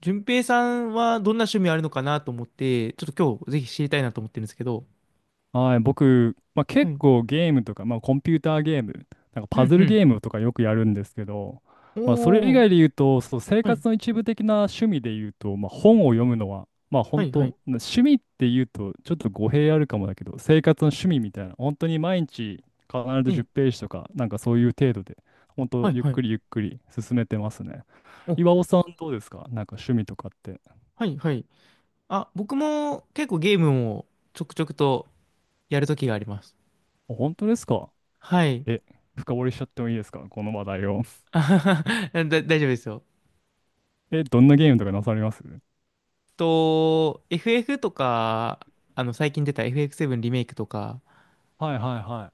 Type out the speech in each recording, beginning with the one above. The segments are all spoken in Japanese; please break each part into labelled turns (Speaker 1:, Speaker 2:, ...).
Speaker 1: 順平さんはどんな趣味あるのかなと思って、ちょっと今日ぜひ知りたいなと思ってるんですけど。
Speaker 2: はい、僕、
Speaker 1: は
Speaker 2: 結
Speaker 1: い。
Speaker 2: 構ゲームとか、コンピューターゲーム、なんか
Speaker 1: う
Speaker 2: パ
Speaker 1: ん
Speaker 2: ズ
Speaker 1: う
Speaker 2: ル
Speaker 1: ん。
Speaker 2: ゲームとかよくやるんですけど、それ以
Speaker 1: おー。
Speaker 2: 外で言うと、そう、生
Speaker 1: はい。
Speaker 2: 活の一部的な趣味で言うと、本を読むのは、
Speaker 1: は
Speaker 2: 本
Speaker 1: い、は
Speaker 2: 当、な
Speaker 1: い。
Speaker 2: 趣味って言うとちょっと語弊あるかもだけど、生活の趣味みたいな、本当に毎日必ず
Speaker 1: ええ。
Speaker 2: 10ページとか、なんかそういう程度で、本当、
Speaker 1: はい、
Speaker 2: ゆっ
Speaker 1: はい。
Speaker 2: くりゆっくり進めてますね。
Speaker 1: お、
Speaker 2: 岩尾さん、どうですか、なんか趣味とかって。
Speaker 1: はい、はい。あ、僕も結構ゲームをちょくちょくとやるときがあります。
Speaker 2: あ、本当ですか。
Speaker 1: はい。
Speaker 2: え、深掘りしちゃってもいいですか、この話題を。
Speaker 1: 大丈夫ですよ。
Speaker 2: え、どんなゲームとかなされます。
Speaker 1: FF とか、最近出た FF7 リメイクとか、
Speaker 2: はいはいは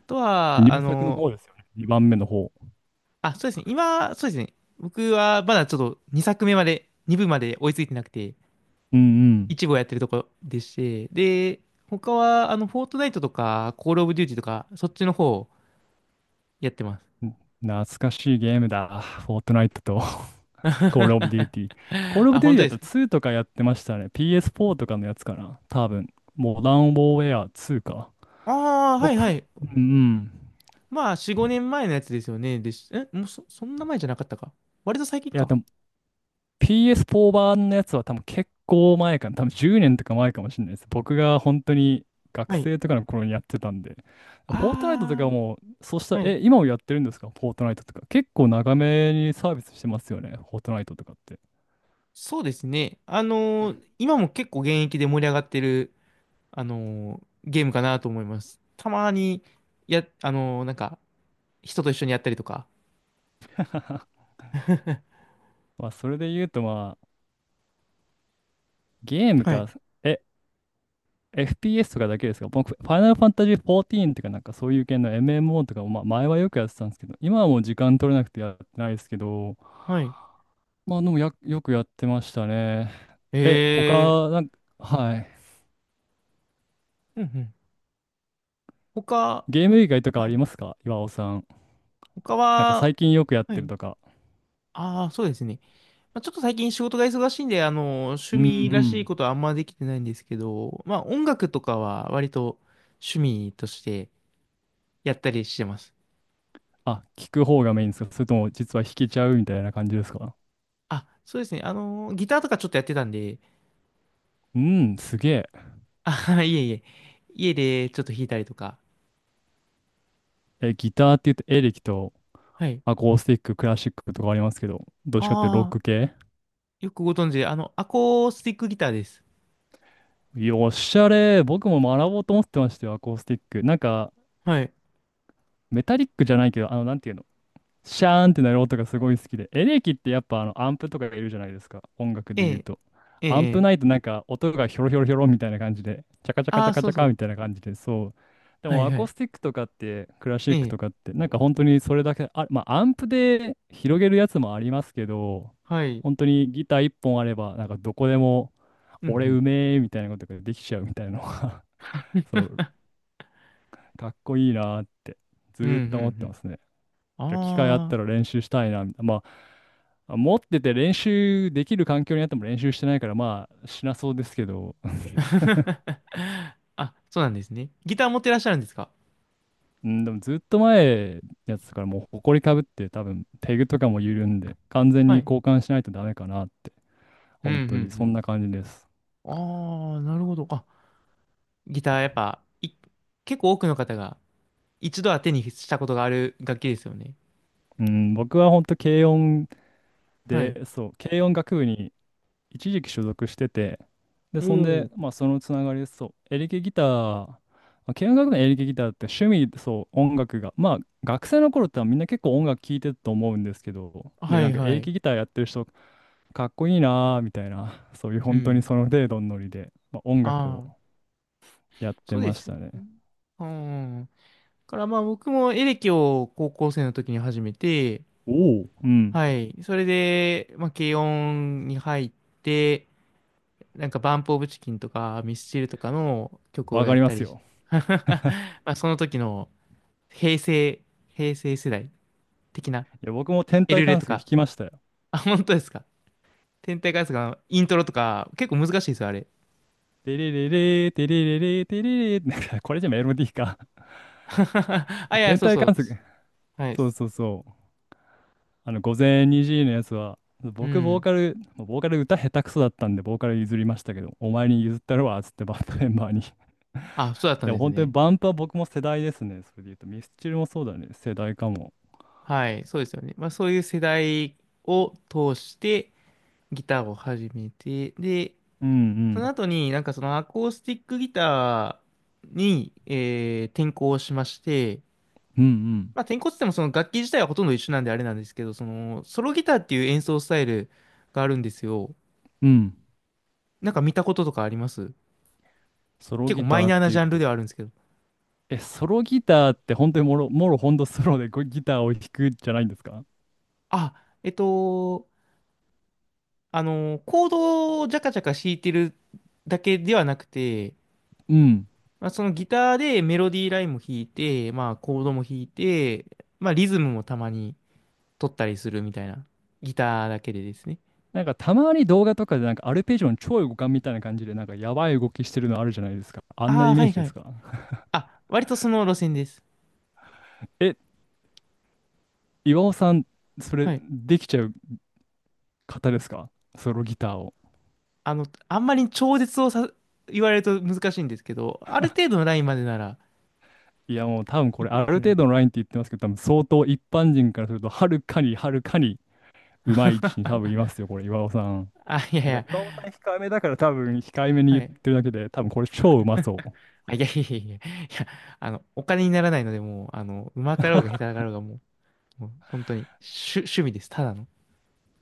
Speaker 1: あと
Speaker 2: い。
Speaker 1: は、
Speaker 2: 入作の方ですよね。2番目の方。
Speaker 1: あ、そうですね。今、そうですね。僕はまだちょっと2作目まで、2部まで追いついてなくて、
Speaker 2: うん
Speaker 1: 一部をやってるとこでして、で、他は、フォートナイトとか、コールオブデューティとか、そっちの方をやってます。
Speaker 2: うん。懐かしいゲームだ。フォートナイトと コールオブデューティー。コールオ
Speaker 1: あ、
Speaker 2: ブデューティ
Speaker 1: 本
Speaker 2: ー
Speaker 1: 当
Speaker 2: だっ
Speaker 1: ですか？
Speaker 2: たら2とかやってましたね。PS4 とかのやつかな。多分。モダンウォーウェア2か。
Speaker 1: ああー、はい
Speaker 2: 僕、
Speaker 1: は
Speaker 2: う
Speaker 1: い。
Speaker 2: んうん。
Speaker 1: まあ、4、5年前のやつですよね。え、もうそんな前じゃなかったか。割と最近
Speaker 2: いや、
Speaker 1: か。
Speaker 2: でも PS4 版のやつは多分結構前かな、多分10年とか前かもしれないです。僕が本当に学
Speaker 1: はい。
Speaker 2: 生とかの頃にやってたんで。フォートナイトとか
Speaker 1: あ
Speaker 2: も、そうした
Speaker 1: あ、は
Speaker 2: ら、
Speaker 1: い。
Speaker 2: え、今もやってるんですか、フォートナイトとか。結構長めにサービスしてますよね、フォートナイトとかって。
Speaker 1: そうですね。今も結構現役で盛り上がってる、あのーゲームかなと思います。たまに、や、あのーなんか、人と一緒にやったりとか。
Speaker 2: それで言うとゲーム
Speaker 1: はい。
Speaker 2: か、え、FPS とかだけですか。僕、ファイナルファンタジー14とかなんかそういう系の MMO とかも、前はよくやってたんですけど、今はもう時間取れなくてやってないですけど、
Speaker 1: はい。
Speaker 2: でもや、よくやってましたね。え、
Speaker 1: ええ。
Speaker 2: 他、なんか、はい。
Speaker 1: うんうん。他、
Speaker 2: ゲーム以外とかあ
Speaker 1: は
Speaker 2: り
Speaker 1: い。
Speaker 2: ますか、岩尾さん。
Speaker 1: 他
Speaker 2: なんか
Speaker 1: は、
Speaker 2: 最近よくやっ
Speaker 1: は
Speaker 2: てる
Speaker 1: い。
Speaker 2: とか。
Speaker 1: ああ、そうですね。まあ、ちょっと最近仕事が忙しいんで、
Speaker 2: う
Speaker 1: 趣
Speaker 2: んう
Speaker 1: 味らしいこ
Speaker 2: ん。
Speaker 1: とはあんまできてないんですけど、まあ、音楽とかは割と趣味としてやったりしてます。
Speaker 2: あ、聞く方がメインですか、それとも実は弾けちゃうみたいな感じですか。
Speaker 1: あ、そうですね。ギターとかちょっとやってたんで、
Speaker 2: うん、すげえ。
Speaker 1: あはは、いえいえ。家でちょっと弾いたりとか。
Speaker 2: え、ギターって言うとエレキと
Speaker 1: はい。
Speaker 2: アコースティック、クラシックとかありますけど、どっちかっていうとロッ
Speaker 1: ああ、
Speaker 2: ク系。
Speaker 1: よくご存知で、アコースティックギターです。
Speaker 2: よっしゃれー。僕も学ぼうと思ってましたよ、アコースティック。なんか、
Speaker 1: はい。
Speaker 2: メタリックじゃないけど、なんていうの。シャーンってなる音がすごい好きで。エレキってやっぱアンプとかがいるじゃないですか。音楽
Speaker 1: え
Speaker 2: で言う
Speaker 1: え、
Speaker 2: と。
Speaker 1: ええ、
Speaker 2: アン
Speaker 1: え
Speaker 2: プ
Speaker 1: え。
Speaker 2: ないとなんか音がヒョロヒョロヒョロみたいな感じで、チャカチャカ
Speaker 1: あ
Speaker 2: チャ
Speaker 1: あ、
Speaker 2: カ
Speaker 1: そ
Speaker 2: チ
Speaker 1: う
Speaker 2: ャ
Speaker 1: そ
Speaker 2: カみ
Speaker 1: う。
Speaker 2: たいな感じで、そう。で
Speaker 1: は
Speaker 2: も
Speaker 1: い
Speaker 2: ア
Speaker 1: は
Speaker 2: コー
Speaker 1: い。
Speaker 2: スティックとかって、クラシ
Speaker 1: え
Speaker 2: ック
Speaker 1: え、
Speaker 2: とかって、なんか本当にそれだけ、あ、アンプで広げるやつもありますけど、
Speaker 1: はい。
Speaker 2: 本当にギター一本あれば、なんかどこでも、
Speaker 1: うんう
Speaker 2: 俺う
Speaker 1: ん。
Speaker 2: めえみたいなことができちゃうみたいなのが そう、かっこいいなーって、ず
Speaker 1: うんう
Speaker 2: ーっと思って
Speaker 1: ん
Speaker 2: ますね。
Speaker 1: うん。
Speaker 2: 機会あっ
Speaker 1: あ
Speaker 2: たら練習したいな、みたいな。持ってて練習できる環境にあっても練習してないから、しなそうですけど、
Speaker 1: あ。あ、そうなんですね。ギター持ってらっしゃるんですか？
Speaker 2: うん、でもずっと前のやつからもう埃かぶって多分ペグとかも緩んで完全に
Speaker 1: はい。
Speaker 2: 交換しないとダメかなって、
Speaker 1: うんう
Speaker 2: 本当にそん
Speaker 1: ん
Speaker 2: な感じです。
Speaker 1: うん。ああ、なるほど。あ、ギターやっぱ、結構多くの方が一度は手にしたことがある楽器ですよね。
Speaker 2: うん、僕は本当軽音
Speaker 1: はい。
Speaker 2: で、そう、軽音楽部に一時期所属してて、で、そんで、
Speaker 1: お
Speaker 2: そのつながりで、そう、エレキギター、軽音楽のエレキギターって趣味で、そう、音楽が、学生の頃ってみんな結構音楽聴いてると思うんですけど、
Speaker 1: お。
Speaker 2: で、
Speaker 1: は
Speaker 2: な
Speaker 1: い
Speaker 2: んかエ
Speaker 1: は
Speaker 2: レ
Speaker 1: い。
Speaker 2: キギターやってる人、かっこいいなーみたいな、そういう
Speaker 1: う
Speaker 2: 本当に
Speaker 1: ん。
Speaker 2: その程度のノリで、音楽
Speaker 1: あ
Speaker 2: を
Speaker 1: あ、
Speaker 2: やって
Speaker 1: そうで
Speaker 2: まし
Speaker 1: すよ
Speaker 2: たね。
Speaker 1: ね。うん。からまあ僕もエレキを高校生の時に始めて、
Speaker 2: おお。うん、
Speaker 1: はい。それで、まあ軽音に入って、なんかバンプオブチキンとかミスチルとかの曲を
Speaker 2: わ
Speaker 1: や
Speaker 2: か
Speaker 1: っ
Speaker 2: りま
Speaker 1: た
Speaker 2: す
Speaker 1: りし
Speaker 2: よ。
Speaker 1: ま あその時の平成、平成世代的な
Speaker 2: いや、僕も天
Speaker 1: エ
Speaker 2: 体
Speaker 1: ルレ
Speaker 2: 観
Speaker 1: と
Speaker 2: 測弾
Speaker 1: か。
Speaker 2: きましたよ。
Speaker 1: あ、本当ですか。天体観測のイントロとか結構難しいですよ、あれ。
Speaker 2: テレレレー、テレレレー、テレレレー、なんかこれじゃメロディーか。
Speaker 1: あ、い や、
Speaker 2: 天
Speaker 1: そう
Speaker 2: 体
Speaker 1: そ
Speaker 2: 観
Speaker 1: う。
Speaker 2: 測。
Speaker 1: はい。
Speaker 2: そうそうそう。あの、午前2時のやつは、
Speaker 1: う
Speaker 2: 僕、ボー
Speaker 1: ん。
Speaker 2: カル、ボーカル歌下手くそだったんで、ボーカル譲りましたけど、お前に譲ったるわ、つってバンドメンバーに。
Speaker 1: あ、そうだっ たん
Speaker 2: でも
Speaker 1: です
Speaker 2: 本当に
Speaker 1: ね。
Speaker 2: バンプは僕も世代ですね。それで言うと、ミスチルもそうだね。世代かも。
Speaker 1: はい、そうですよね。まあそういう世代を通してギターを始めて、で、
Speaker 2: うんう
Speaker 1: その
Speaker 2: ん。
Speaker 1: 後に、なんかそのアコースティックギターに、転向しまして、
Speaker 2: うん
Speaker 1: まあ転向って言ってもその楽器自体はほとんど一緒なんであれなんですけど、そのソロギターっていう演奏スタイルがあるんですよ。
Speaker 2: うん。うん。
Speaker 1: なんか見たこととかあります？
Speaker 2: ソロ
Speaker 1: 結構
Speaker 2: ギ
Speaker 1: マイ
Speaker 2: ターっ
Speaker 1: ナーな
Speaker 2: てい
Speaker 1: ジ
Speaker 2: う
Speaker 1: ャンルで
Speaker 2: と、
Speaker 1: はあるんですけど。
Speaker 2: え、ソロギターって本当にもろ、もろほんとソロでこうギターを弾くじゃないんですか。
Speaker 1: あ、えっと、コードをジャカジャカ弾いてるだけではなくて、
Speaker 2: うん。
Speaker 1: まあ、そのギターでメロディーラインも弾いて、まあコードも弾いて、まあリズムもたまに。撮ったりするみたいな。ギターだけでですね。
Speaker 2: なんかたまに動画とかでなんかアルペジオの超互換みたいな感じでなんかやばい動きしてるのあるじゃないですか。あんな
Speaker 1: ああ、
Speaker 2: イ
Speaker 1: は
Speaker 2: メー
Speaker 1: い
Speaker 2: ジ
Speaker 1: は
Speaker 2: で
Speaker 1: い。
Speaker 2: すか。
Speaker 1: あ、割とその路線です。
Speaker 2: え、岩尾さん、それ
Speaker 1: はい。
Speaker 2: できちゃう方ですか、ソロギターを。
Speaker 1: あんまり超絶をさ、言われると難しいんですけど、ある程度のラインまでなら
Speaker 2: いやもう多分こ
Speaker 1: い
Speaker 2: れ
Speaker 1: け
Speaker 2: あ
Speaker 1: る
Speaker 2: る
Speaker 1: と思う。
Speaker 2: 程度のラインって言ってますけど、多分相当一般人からするとはるかにはるかにうまい位置に多分いますよ、これ岩尾さん。
Speaker 1: あ、いやい
Speaker 2: なんか
Speaker 1: や、
Speaker 2: 岩尾さん控えめだから多分控えめに
Speaker 1: は
Speaker 2: 言っ
Speaker 1: い。
Speaker 2: てるだけで、多分これ超うまそう。い
Speaker 1: あ、いやいやいやいや、いや、お金にならないので、もう、うまかろうが下手だろうが、もう本当に、趣味です。ただの。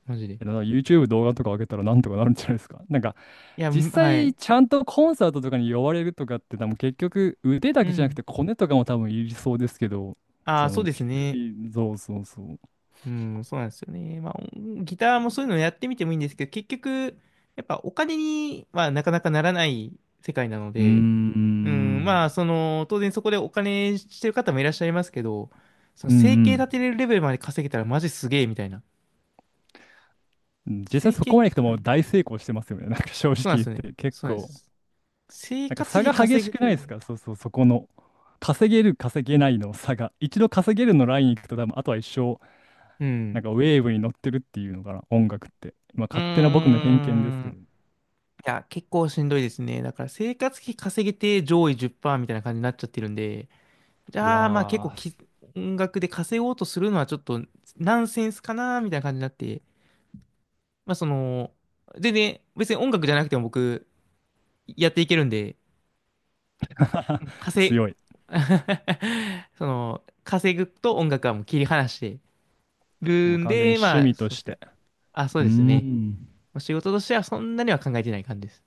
Speaker 1: マジで。い
Speaker 2: やだから YouTube 動画とか上げたらなんとかなるんじゃないですか。なんか
Speaker 1: や、
Speaker 2: 実
Speaker 1: は
Speaker 2: 際
Speaker 1: い。
Speaker 2: ちゃんとコンサートとかに呼ばれるとかって多分結局腕だ
Speaker 1: う
Speaker 2: けじゃなく
Speaker 1: ん。
Speaker 2: てコネとかも多分いりそうですけど、
Speaker 1: あ
Speaker 2: そ
Speaker 1: あ、
Speaker 2: の
Speaker 1: そうです
Speaker 2: 趣
Speaker 1: ね。
Speaker 2: 味、日々そうそうそう。
Speaker 1: うん、そうなんですよね。まあ、ギターもそういうのやってみてもいいんですけど、結局、やっぱお金にはなかなかならない世界なの
Speaker 2: うー
Speaker 1: で、うん、
Speaker 2: ん。
Speaker 1: まあ、当然そこでお金してる方もいらっしゃいますけど、その
Speaker 2: う
Speaker 1: 生計
Speaker 2: ん
Speaker 1: 立てれるレベルまで稼げたらマジすげえみたいな。
Speaker 2: うん。実際
Speaker 1: 生
Speaker 2: そこ
Speaker 1: 計、
Speaker 2: まで行くと
Speaker 1: は
Speaker 2: もう
Speaker 1: い。
Speaker 2: 大成功してますよね。なんか正直
Speaker 1: そうなんで
Speaker 2: 言っ
Speaker 1: すよね。
Speaker 2: て結
Speaker 1: そうなんで
Speaker 2: 構。
Speaker 1: す。生
Speaker 2: なんか
Speaker 1: 活
Speaker 2: 差
Speaker 1: 費
Speaker 2: が激
Speaker 1: 稼
Speaker 2: し
Speaker 1: ぐ
Speaker 2: くない
Speaker 1: 程
Speaker 2: です
Speaker 1: 度。
Speaker 2: か、そうそう、そこの。稼げる、稼げないの差が。一度稼げるのライン行くと多分、あとは一生、
Speaker 1: う
Speaker 2: なん
Speaker 1: ん。
Speaker 2: かウェーブに乗ってるっていうのかな、音楽って。
Speaker 1: う
Speaker 2: まあ勝手な僕の
Speaker 1: ー
Speaker 2: 偏見ですけ
Speaker 1: ん。
Speaker 2: ど。
Speaker 1: いや、結構しんどいですね。だから生活費稼げて上位10%みたいな感じになっちゃってるんで、じゃあ、まあ結構
Speaker 2: わ
Speaker 1: き、音楽で稼ごうとするのはちょっとナンセンスかなみたいな感じになって、まあ全然別に音楽じゃなくても僕やっていけるんで、
Speaker 2: あ、
Speaker 1: 稼い、
Speaker 2: 強い。
Speaker 1: 稼ぐと音楽はもう切り離して
Speaker 2: も
Speaker 1: る
Speaker 2: う
Speaker 1: ん
Speaker 2: 完全に
Speaker 1: で、
Speaker 2: 趣
Speaker 1: まあ
Speaker 2: 味と
Speaker 1: そうで
Speaker 2: し
Speaker 1: すね。
Speaker 2: て。
Speaker 1: あ、そう
Speaker 2: うー
Speaker 1: ですね。
Speaker 2: ん。
Speaker 1: 仕事としてはそんなには考えてない感じです。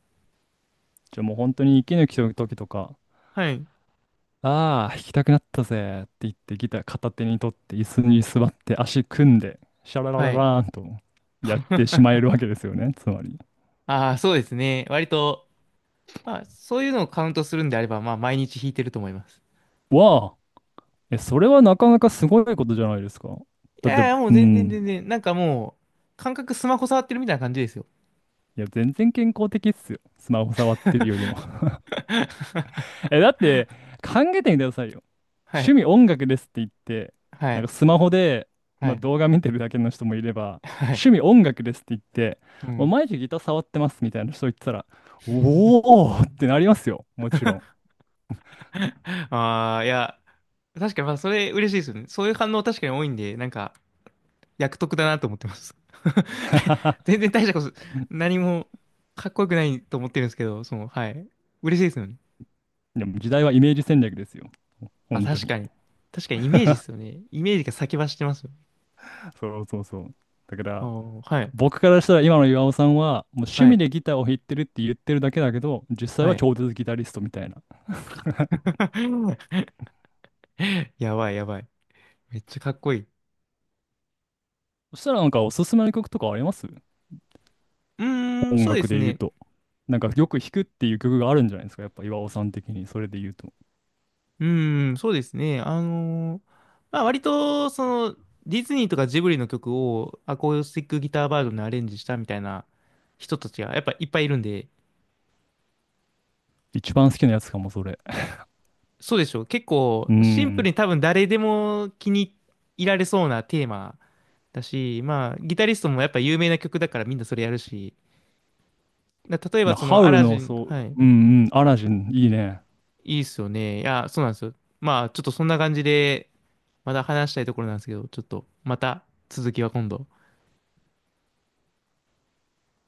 Speaker 2: じゃあもう本当に息抜きの時とか、
Speaker 1: はい。
Speaker 2: ああ、弾きたくなったぜって言ってギター片手に取って椅子に座って足組んでシャラララ
Speaker 1: はい。
Speaker 2: ラーンとやってし まえるわけですよね、つまり。
Speaker 1: ああ、そうですね。割と、まあそういうのをカウントするんであれば、まあ毎日弾いてると思います。
Speaker 2: わあ、え、それはなかなかすごいことじゃないですか。
Speaker 1: い
Speaker 2: だって、
Speaker 1: やいや、もう
Speaker 2: う
Speaker 1: 全然
Speaker 2: ん。
Speaker 1: 全然、なんかもう、感覚スマホ触ってるみたいな感じですよ。
Speaker 2: いや、全然健康的っすよ。スマホ触ってるよりも。え、だって、考えてみてくださいよ。
Speaker 1: は
Speaker 2: 趣
Speaker 1: い。
Speaker 2: 味音楽ですって言って、
Speaker 1: は
Speaker 2: なん
Speaker 1: い。
Speaker 2: かスマホで、
Speaker 1: はい。
Speaker 2: 動画見てるだけの人もいれば、
Speaker 1: はい。
Speaker 2: 趣味音楽ですって言って、
Speaker 1: う
Speaker 2: もう
Speaker 1: ん。
Speaker 2: 毎日ギター触ってますみたいな人言ってたら、おーってなりますよ。もちろん。
Speaker 1: ああ、いや、確かに、まあ、それ嬉しいですよね。そういう反応確かに多いんで、なんか、役得だなと思ってます。大全然大したこと、何もかっこよくないと思ってるんですけど、はい。嬉しいですよね。
Speaker 2: でも時代はイメージ戦略ですよ。
Speaker 1: あ、
Speaker 2: 本当
Speaker 1: 確
Speaker 2: に。
Speaker 1: かに。確かにイメージですよね。イメージが先走ってますよね。
Speaker 2: そうそうそう。だか
Speaker 1: あ
Speaker 2: ら、
Speaker 1: あ、はい。
Speaker 2: 僕からしたら今の岩尾さんは、もう趣
Speaker 1: は
Speaker 2: 味
Speaker 1: い。
Speaker 2: でギターを弾いてるって言ってるだけだけど、実際
Speaker 1: は
Speaker 2: は
Speaker 1: い。
Speaker 2: 超絶ギタリストみたいな。
Speaker 1: やばい、やばい。めっちゃかっこいい。
Speaker 2: そしたらなんかおすすめの曲とかあります、
Speaker 1: うーん、
Speaker 2: 音
Speaker 1: そうで
Speaker 2: 楽
Speaker 1: す
Speaker 2: で言う
Speaker 1: ね。
Speaker 2: と。なんかよく弾くっていう曲があるんじゃないですか、やっぱ岩尾さん的に、それで言うと。
Speaker 1: うーん、そうですね。まあ割と、の、ディズニーとかジブリの曲をアコースティックギターバージョンでアレンジしたみたいな人たちがやっぱいっぱいいるんで、
Speaker 2: 一番好きなやつかも、それ。
Speaker 1: そうでしょう。結構
Speaker 2: う
Speaker 1: シンプル
Speaker 2: ん。
Speaker 1: に多分誰でも気に入られそうなテーマだし、まあギタリストもやっぱ有名な曲だからみんなそれやるし、例えば
Speaker 2: だ
Speaker 1: そ
Speaker 2: ハ
Speaker 1: の
Speaker 2: ウ
Speaker 1: ア
Speaker 2: ル
Speaker 1: ラ
Speaker 2: の、
Speaker 1: ジン、
Speaker 2: そう、
Speaker 1: はい。
Speaker 2: うんうん、アラジン、いいね。
Speaker 1: いいっすよね。いや、そうなんですよ。まあ、ちょっとそんな感じで、まだ話したいところなんですけど、ちょっと、また続きは今度。